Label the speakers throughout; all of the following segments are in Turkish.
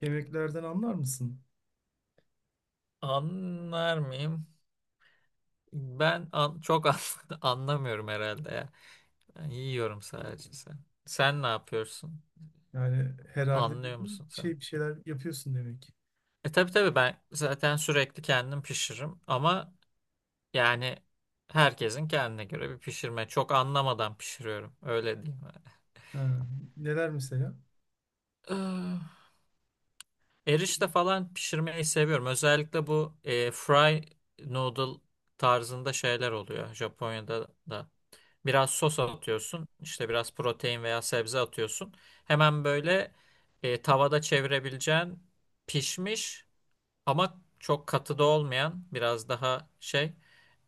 Speaker 1: Yemeklerden anlar mısın?
Speaker 2: Anlar mıyım? Ben anlamıyorum herhalde ya. Ben yiyorum sadece sen. Sen ne yapıyorsun?
Speaker 1: Yani herhalde
Speaker 2: Anlıyor
Speaker 1: dediğin
Speaker 2: musun sen?
Speaker 1: şey bir şeyler yapıyorsun demek.
Speaker 2: Tabii tabii, ben zaten sürekli kendim pişiririm ama yani herkesin kendine göre bir pişirme. Çok anlamadan pişiriyorum. Öyle diyeyim.
Speaker 1: Ha, neler mesela?
Speaker 2: Yani. Erişte falan pişirmeyi seviyorum. Özellikle bu fry noodle tarzında şeyler oluyor Japonya'da da. Biraz sos atıyorsun. İşte biraz protein veya sebze atıyorsun. Hemen böyle tavada çevirebileceğin pişmiş ama çok katı da olmayan biraz daha şey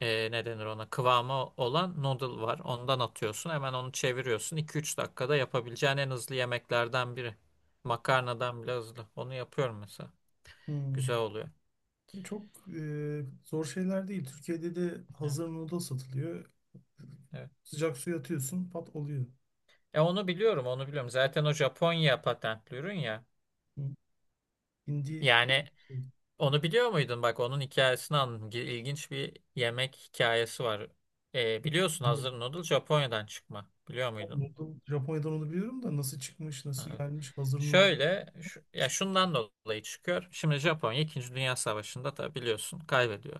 Speaker 2: e, ne denir ona, kıvamı olan noodle var. Ondan atıyorsun. Hemen onu çeviriyorsun. İki üç dakikada yapabileceğin en hızlı yemeklerden biri. Makarnadan bile hızlı. Onu yapıyorum mesela.
Speaker 1: Hmm.
Speaker 2: Güzel oluyor.
Speaker 1: Zor şeyler değil. Türkiye'de de
Speaker 2: Evet,
Speaker 1: hazır noodle satılıyor.
Speaker 2: evet.
Speaker 1: Sıcak suya atıyorsun, pat oluyor.
Speaker 2: E onu biliyorum, onu biliyorum. Zaten o Japonya patentli ürün ya.
Speaker 1: Hmm. Hindi
Speaker 2: Yani
Speaker 1: şey,
Speaker 2: onu biliyor muydun? Bak, onun hikayesini anladım. İlginç bir yemek hikayesi var. Biliyorsun,
Speaker 1: hindi-
Speaker 2: hazır noodle Japonya'dan çıkma. Biliyor muydun?
Speaker 1: Noodle, Japonya'dan onu biliyorum da nasıl çıkmış, nasıl
Speaker 2: Evet.
Speaker 1: gelmiş, hazır noodle.
Speaker 2: Şöyle, ya şundan dolayı çıkıyor. Şimdi Japonya 2. Dünya Savaşı'nda tabii biliyorsun kaybediyor.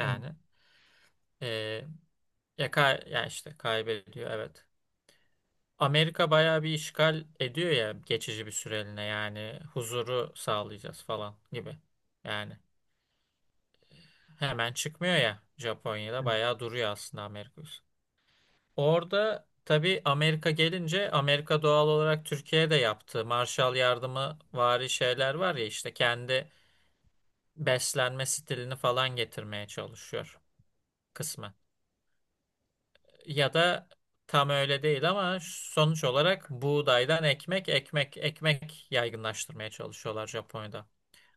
Speaker 1: Evet,
Speaker 2: ee, ya, ya işte kaybediyor, evet. Amerika bayağı bir işgal ediyor ya, geçici bir süreliğine, yani huzuru sağlayacağız falan gibi. Yani hemen çıkmıyor ya, Japonya'da
Speaker 1: evet.
Speaker 2: bayağı duruyor aslında Amerika. Orada tabii Amerika gelince, Amerika doğal olarak Türkiye'de yaptığı Marshall Yardımı vari şeyler var ya, işte kendi beslenme stilini falan getirmeye çalışıyor kısmen. Ya da tam öyle değil ama sonuç olarak buğdaydan ekmek, ekmek, ekmek yaygınlaştırmaya çalışıyorlar Japonya'da.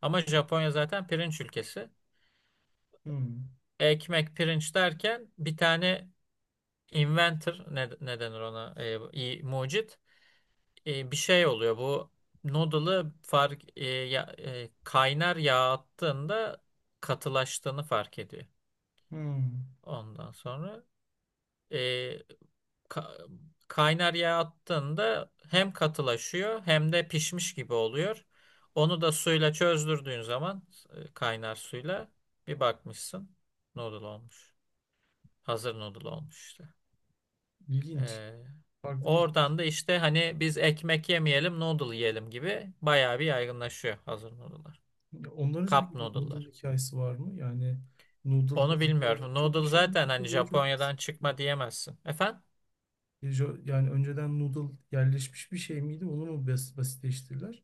Speaker 2: Ama Japonya zaten pirinç ülkesi.
Speaker 1: Hmm.
Speaker 2: Ekmek, pirinç derken bir tane inventor, ne, ne denir ona? Mucit, bir şey oluyor bu noodle'ı fark e, ya- e, kaynar yağ attığında katılaştığını fark ediyor.
Speaker 1: Hmm.
Speaker 2: Ondan sonra e, ka- kaynar yağ attığında hem katılaşıyor hem de pişmiş gibi oluyor. Onu da suyla çözdürdüğün zaman, kaynar suyla, bir bakmışsın noodle olmuş. Hazır noodle olmuş işte.
Speaker 1: İlginç.
Speaker 2: Ee,
Speaker 1: Farklı bir hikaye.
Speaker 2: Oradan da işte hani biz ekmek yemeyelim noodle yiyelim gibi bayağı bir yaygınlaşıyor hazır noodle'lar.
Speaker 1: Ya ondan önce
Speaker 2: Cup
Speaker 1: peki bir noodle
Speaker 2: noodle'lar.
Speaker 1: hikayesi var mı? Yani noodle
Speaker 2: Onu
Speaker 1: hazırda yenen
Speaker 2: bilmiyorum.
Speaker 1: çok bir
Speaker 2: Noodle
Speaker 1: şey mi
Speaker 2: zaten
Speaker 1: yoksa
Speaker 2: hani
Speaker 1: böyle çok basit?
Speaker 2: Japonya'dan çıkma diyemezsin. Efendim?
Speaker 1: Yani önceden noodle yerleşmiş bir şey miydi? Basitleştirdiler?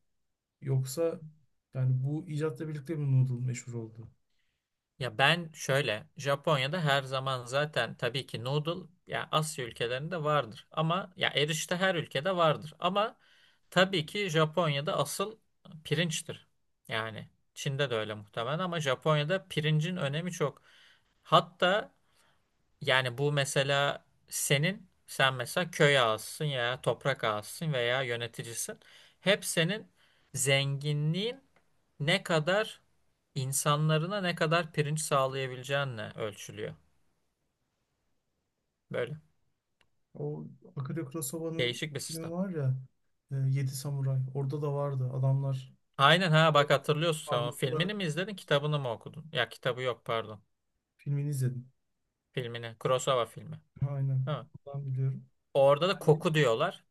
Speaker 1: Yoksa yani bu icatla birlikte mi noodle meşhur oldu?
Speaker 2: Ya ben şöyle, Japonya'da her zaman zaten tabii ki noodle ya, Asya ülkelerinde vardır ama, ya erişte her ülkede vardır ama tabii ki Japonya'da asıl pirinçtir. Yani Çin'de de öyle muhtemelen ama Japonya'da pirincin önemi çok. Hatta yani bu mesela senin, sen mesela köy ağasısın ya, toprak ağasısın veya yöneticisin. Hep senin zenginliğin ne kadar, insanlarına ne kadar pirinç sağlayabileceğinle ölçülüyor. Böyle
Speaker 1: O Akira Kurosawa'nın
Speaker 2: değişik bir
Speaker 1: filmi
Speaker 2: sistem.
Speaker 1: var ya, Yedi Samuray. Orada da vardı. Adamlar
Speaker 2: Aynen, ha
Speaker 1: e,
Speaker 2: bak hatırlıyorsun sen, onun
Speaker 1: parmakla
Speaker 2: filmini mi izledin, kitabını mı okudun? Ya kitabı yok, pardon.
Speaker 1: filmini izledim.
Speaker 2: Filmini. Kurosawa filmi.
Speaker 1: Aynen.
Speaker 2: Ha.
Speaker 1: Oradan biliyorum.
Speaker 2: Orada da
Speaker 1: Yani
Speaker 2: koku diyorlar.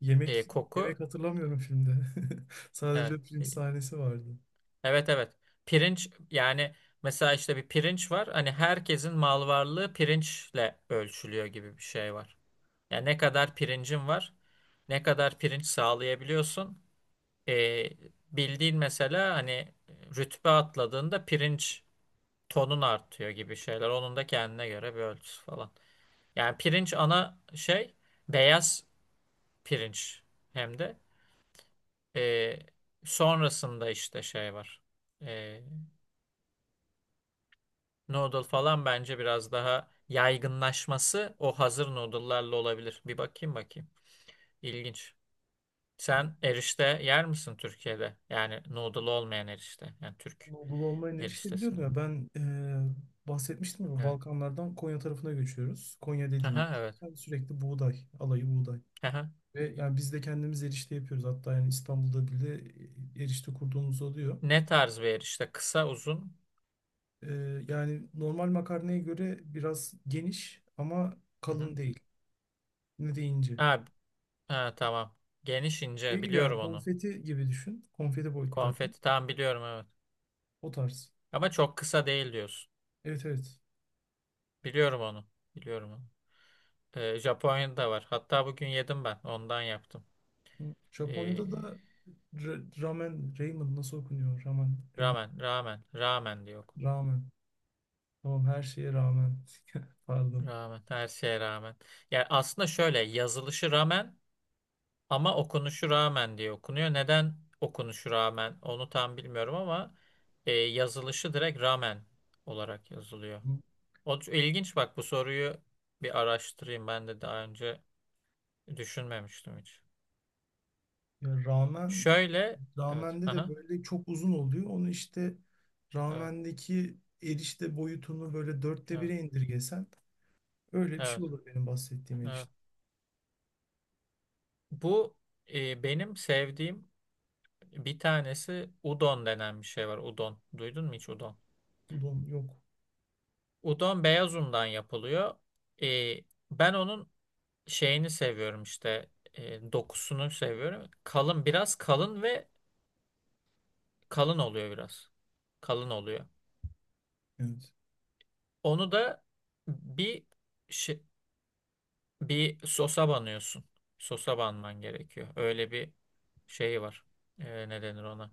Speaker 1: yemek
Speaker 2: Koku,
Speaker 1: yemek hatırlamıyorum filmde.
Speaker 2: evet.
Speaker 1: Sadece film sahnesi vardı.
Speaker 2: Evet evet. Pirinç yani mesela işte bir pirinç var. Hani herkesin mal varlığı pirinçle ölçülüyor gibi bir şey var. Yani ne kadar pirincin var, ne kadar pirinç sağlayabiliyorsun. Ee, Bildiğin mesela hani rütbe atladığında pirinç tonun artıyor gibi şeyler. Onun da kendine göre bir ölçüsü falan. Yani pirinç ana şey, beyaz pirinç, hem de Ee, sonrasında işte şey var. Ee, Noodle falan bence biraz daha yaygınlaşması o hazır noodle'larla olabilir. Bir bakayım bakayım. İlginç. Sen erişte yer misin Türkiye'de? Yani noodle olmayan erişte. Yani Türk
Speaker 1: Anadolu olmayı ne işte
Speaker 2: eriştesi
Speaker 1: biliyorum
Speaker 2: mi?
Speaker 1: ya ben, bahsetmiştim ya,
Speaker 2: Evet.
Speaker 1: Balkanlardan Konya tarafına göçüyoruz. Konya dediğin yer
Speaker 2: Aha, evet.
Speaker 1: zaten sürekli buğday, alayı buğday.
Speaker 2: Aha.
Speaker 1: Ve yani biz de kendimiz erişte yapıyoruz. Hatta yani İstanbul'da bile erişte kurduğumuz oluyor.
Speaker 2: Ne tarz bir erişte? Kısa, uzun?
Speaker 1: E, yani normal makarnaya göre biraz geniş ama
Speaker 2: Hı hı.
Speaker 1: kalın değil. Ne de ince.
Speaker 2: Ha, ha, tamam. Geniş,
Speaker 1: Şey
Speaker 2: ince.
Speaker 1: gibi yani,
Speaker 2: Biliyorum onu.
Speaker 1: konfeti gibi düşün. Konfeti boyutları.
Speaker 2: Konfeti tam biliyorum, evet.
Speaker 1: O tarz.
Speaker 2: Ama çok kısa değil diyorsun.
Speaker 1: Evet, evet.
Speaker 2: Biliyorum onu. Biliyorum onu. Japonya'da da var. Hatta bugün yedim ben. Ondan yaptım.
Speaker 1: Japonya'da
Speaker 2: Ee,
Speaker 1: da ramen, ramen nasıl okunuyor? Ramen, ramen.
Speaker 2: Rağmen, rağmen, rağmen diyor, okudum.
Speaker 1: Rağmen. Tamam, her şeye rağmen. Pardon.
Speaker 2: Rağmen, her şeye rağmen. Yani aslında şöyle, yazılışı rağmen ama okunuşu rağmen diye okunuyor. Neden okunuşu rağmen onu tam bilmiyorum ama yazılışı direkt rağmen olarak yazılıyor. İlginç bak bu soruyu bir araştırayım. Ben de daha önce düşünmemiştim hiç.
Speaker 1: Ya rağmen,
Speaker 2: Şöyle, evet,
Speaker 1: ramen'de de
Speaker 2: aha,
Speaker 1: böyle çok uzun oluyor. Onu işte,
Speaker 2: evet,
Speaker 1: ramendeki erişte boyutunu böyle dörtte
Speaker 2: evet,
Speaker 1: bire indirgesen, öyle bir
Speaker 2: evet,
Speaker 1: şey olur benim bahsettiğim
Speaker 2: evet.
Speaker 1: erişte.
Speaker 2: Bu benim sevdiğim bir tanesi, udon denen bir şey var. Udon. Duydun mu hiç udon?
Speaker 1: Udon yok.
Speaker 2: Udon beyaz undan yapılıyor. Ee, Ben onun şeyini seviyorum, işte dokusunu seviyorum. Kalın, biraz kalın ve kalın oluyor biraz. Kalın oluyor.
Speaker 1: Evet.
Speaker 2: Onu da bir şey, bir sosa banıyorsun. Sosa banman gerekiyor. Öyle bir şey var. Ne denir ona?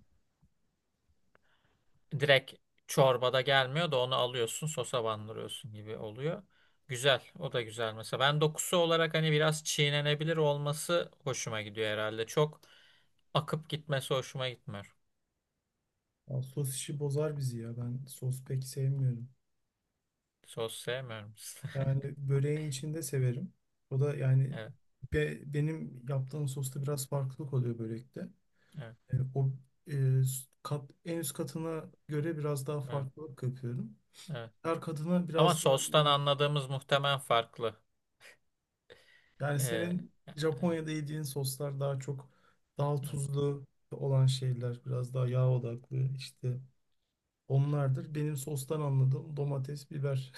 Speaker 2: Direkt çorbada gelmiyor da, onu alıyorsun sosa bandırıyorsun gibi oluyor. Güzel. O da güzel. Mesela ben dokusu olarak hani biraz çiğnenebilir olması hoşuma gidiyor herhalde. Çok akıp gitmesi hoşuma gitmiyor.
Speaker 1: Ya sos işi bozar bizi ya. Ben sos pek sevmiyorum.
Speaker 2: Sos sevmiyorum.
Speaker 1: Yani böreğin içinde severim. O da yani,
Speaker 2: Evet,
Speaker 1: benim yaptığım sosta biraz farklılık oluyor börekte.
Speaker 2: evet,
Speaker 1: E, o e, kat, en üst katına göre biraz daha
Speaker 2: evet,
Speaker 1: farklılık yapıyorum.
Speaker 2: evet.
Speaker 1: Her katına
Speaker 2: Ama
Speaker 1: biraz daha
Speaker 2: sostan anladığımız muhtemelen farklı.
Speaker 1: yani,
Speaker 2: Ee,
Speaker 1: senin
Speaker 2: Yani evet,
Speaker 1: Japonya'da yediğin soslar daha çok, daha
Speaker 2: evet.
Speaker 1: tuzlu olan şeyler, biraz daha yağ odaklı işte, onlardır. Benim sostan anladığım domates, biber,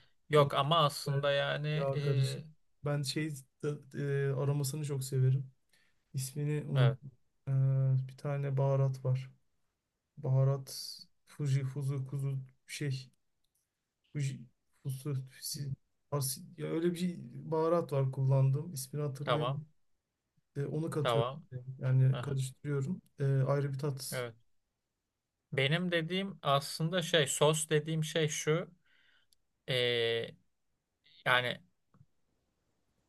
Speaker 2: Yok ama
Speaker 1: domates,
Speaker 2: aslında yani
Speaker 1: yağ karışık.
Speaker 2: ee,
Speaker 1: Ben şey, aromasını çok severim. İsmini
Speaker 2: evet,
Speaker 1: unut. Ee, bir tane baharat var. Baharat Fuji, Fuzu, Kuzu şey. Bu j- fusu- fusi- as- Ya öyle bir baharat var kullandığım, ismini
Speaker 2: tamam
Speaker 1: hatırlayamadım. E, onu katıyorum.
Speaker 2: tamam.
Speaker 1: Yani
Speaker 2: Aha,
Speaker 1: karıştırıyorum. E, ayrı bir tat.
Speaker 2: evet. Benim dediğim aslında şey, sos dediğim şey şu. Ee, Yani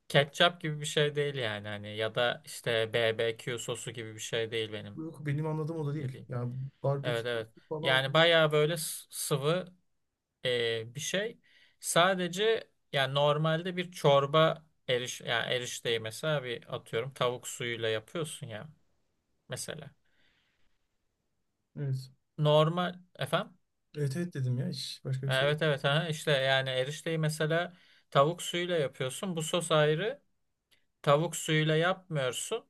Speaker 2: ketçap gibi bir şey değil yani, hani ya da işte BBQ sosu gibi bir şey değil benim
Speaker 1: Yok, benim anladığım o da değil.
Speaker 2: dediğim.
Speaker 1: Yani barbekü
Speaker 2: Evet evet.
Speaker 1: sosu falan
Speaker 2: Yani
Speaker 1: onda.
Speaker 2: bayağı böyle sıvı bir şey. Sadece yani normalde bir çorba yani erişteyi mesela, bir atıyorum tavuk suyuyla yapıyorsun ya mesela.
Speaker 1: Evet.
Speaker 2: Normal efendim.
Speaker 1: Evet, evet dedim ya, hiç başka bir şey değil.
Speaker 2: Evet evet, ha işte yani erişteyi mesela tavuk suyuyla yapıyorsun. Bu sos ayrı. Tavuk suyuyla yapmıyorsun.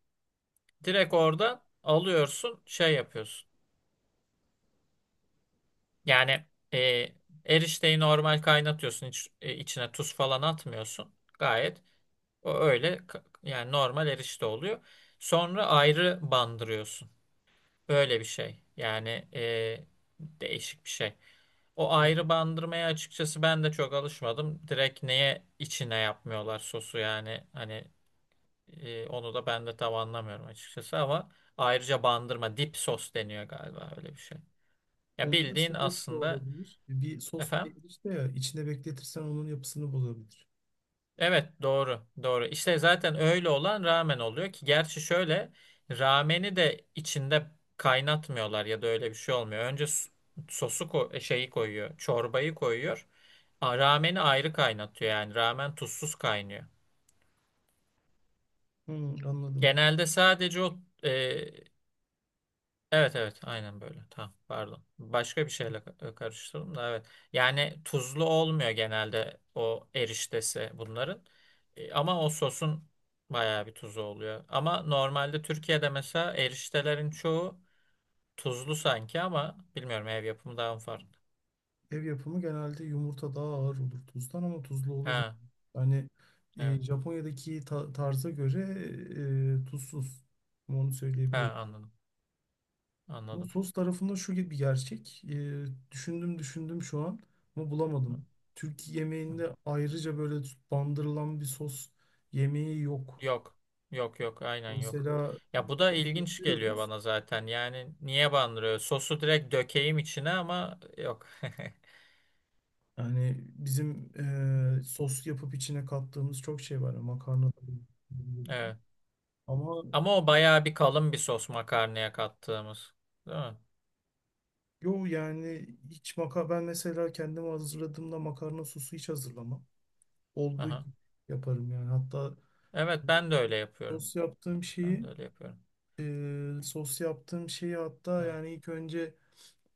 Speaker 2: Direkt oradan alıyorsun, şey yapıyorsun. Yani e, erişteyi normal kaynatıyorsun. Hiç, içine tuz falan atmıyorsun. Gayet yani normal erişte oluyor. Sonra ayrı bandırıyorsun. Böyle bir şey. Yani değişik bir şey. O ayrı bandırmaya açıkçası ben de çok alışmadım. Direkt neye içine yapmıyorlar sosu yani, hani onu da ben de tam anlamıyorum açıkçası ama, ayrıca bandırma dip sos deniyor galiba, öyle bir şey. Ya
Speaker 1: Onda
Speaker 2: bildiğin
Speaker 1: sebep şu
Speaker 2: aslında
Speaker 1: olabilir. Bir sos bile
Speaker 2: efendim.
Speaker 1: girişte ya içine bekletirsen onun yapısını bozabilir.
Speaker 2: Evet doğru doğru. İşte zaten öyle olan ramen oluyor ki, gerçi şöyle, rameni de içinde kaynatmıyorlar ya da öyle bir şey olmuyor. Sosu şeyi koyuyor, çorbayı koyuyor. Rameni ayrı kaynatıyor, yani ramen tuzsuz kaynıyor.
Speaker 1: Hı, anladım.
Speaker 2: Genelde sadece o e, evet evet aynen böyle. Tamam pardon. Başka bir şeyle karıştırdım da, evet. Yani tuzlu olmuyor genelde o eriştesi bunların. Ama o sosun bayağı bir tuzu oluyor. Ama normalde Türkiye'de mesela eriştelerin çoğu tuzlu sanki, ama bilmiyorum, ev yapımı daha mı farklı.
Speaker 1: Ev yapımı genelde yumurta daha ağır olur tuzdan ama tuzlu olur. Yani,
Speaker 2: Ha
Speaker 1: yani,
Speaker 2: evet.
Speaker 1: Japonya'daki tarza göre, tuzsuz. Onu
Speaker 2: Ha,
Speaker 1: söyleyebilirim.
Speaker 2: anladım.
Speaker 1: Bu
Speaker 2: Anladım.
Speaker 1: sos tarafında şu gibi bir gerçek. Düşündüm düşündüm şu an ama
Speaker 2: Hı
Speaker 1: bulamadım. Türk
Speaker 2: hı.
Speaker 1: yemeğinde ayrıca böyle bandırılan bir sos yemeği yok.
Speaker 2: Yok. Yok yok, aynen yok.
Speaker 1: Mesela
Speaker 2: Ya bu da
Speaker 1: sos
Speaker 2: ilginç geliyor
Speaker 1: yapıyoruz.
Speaker 2: bana zaten. Yani niye bandırıyor? Sosu direkt dökeyim içine ama yok.
Speaker 1: Yani bizim, sos yapıp içine kattığımız çok şey var.
Speaker 2: Evet.
Speaker 1: Ama
Speaker 2: Ama o bayağı bir kalın bir sos makarnaya kattığımız. Değil mi?
Speaker 1: yo, yani hiç maka, ben mesela kendim hazırladığımda makarna sosu hiç hazırlamam. Olduğu
Speaker 2: Aha.
Speaker 1: gibi yaparım yani. Hatta
Speaker 2: Evet ben de öyle yapıyorum.
Speaker 1: sos yaptığım
Speaker 2: Ben de
Speaker 1: şeyi,
Speaker 2: öyle yapıyorum.
Speaker 1: sos yaptığım şeyi, hatta
Speaker 2: Evet.
Speaker 1: yani ilk önce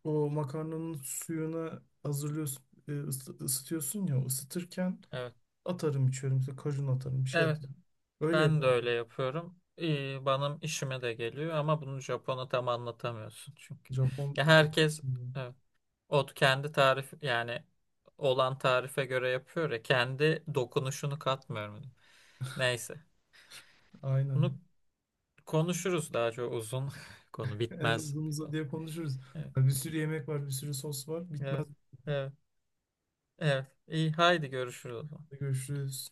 Speaker 1: o makarnanın suyunu hazırlıyorsun, ısıtıyorsun ya, ısıtırken
Speaker 2: Evet.
Speaker 1: atarım içiyorum. İşte kajun atarım, bir şey
Speaker 2: Evet,
Speaker 1: atarım. Öyle
Speaker 2: ben de öyle
Speaker 1: yaparım.
Speaker 2: yapıyorum. İyi, benim işime de geliyor ama bunu Japon'a tam anlatamıyorsun çünkü.
Speaker 1: Japon
Speaker 2: Ya
Speaker 1: dediğim
Speaker 2: herkes,
Speaker 1: gibi.
Speaker 2: evet. O kendi tarif yani olan tarife göre yapıyor ya, kendi dokunuşunu katmıyorum. Neyse. Bunu
Speaker 1: Aynen.
Speaker 2: konuşuruz, daha çok uzun konu,
Speaker 1: Evet,
Speaker 2: bitmez
Speaker 1: uzun
Speaker 2: bir konu.
Speaker 1: uzadıya konuşuruz.
Speaker 2: Evet.
Speaker 1: Bir sürü yemek var, bir sürü sos var.
Speaker 2: Evet.
Speaker 1: Bitmez.
Speaker 2: Evet. Evet. İyi haydi, görüşürüz o zaman.
Speaker 1: Görüşürüz.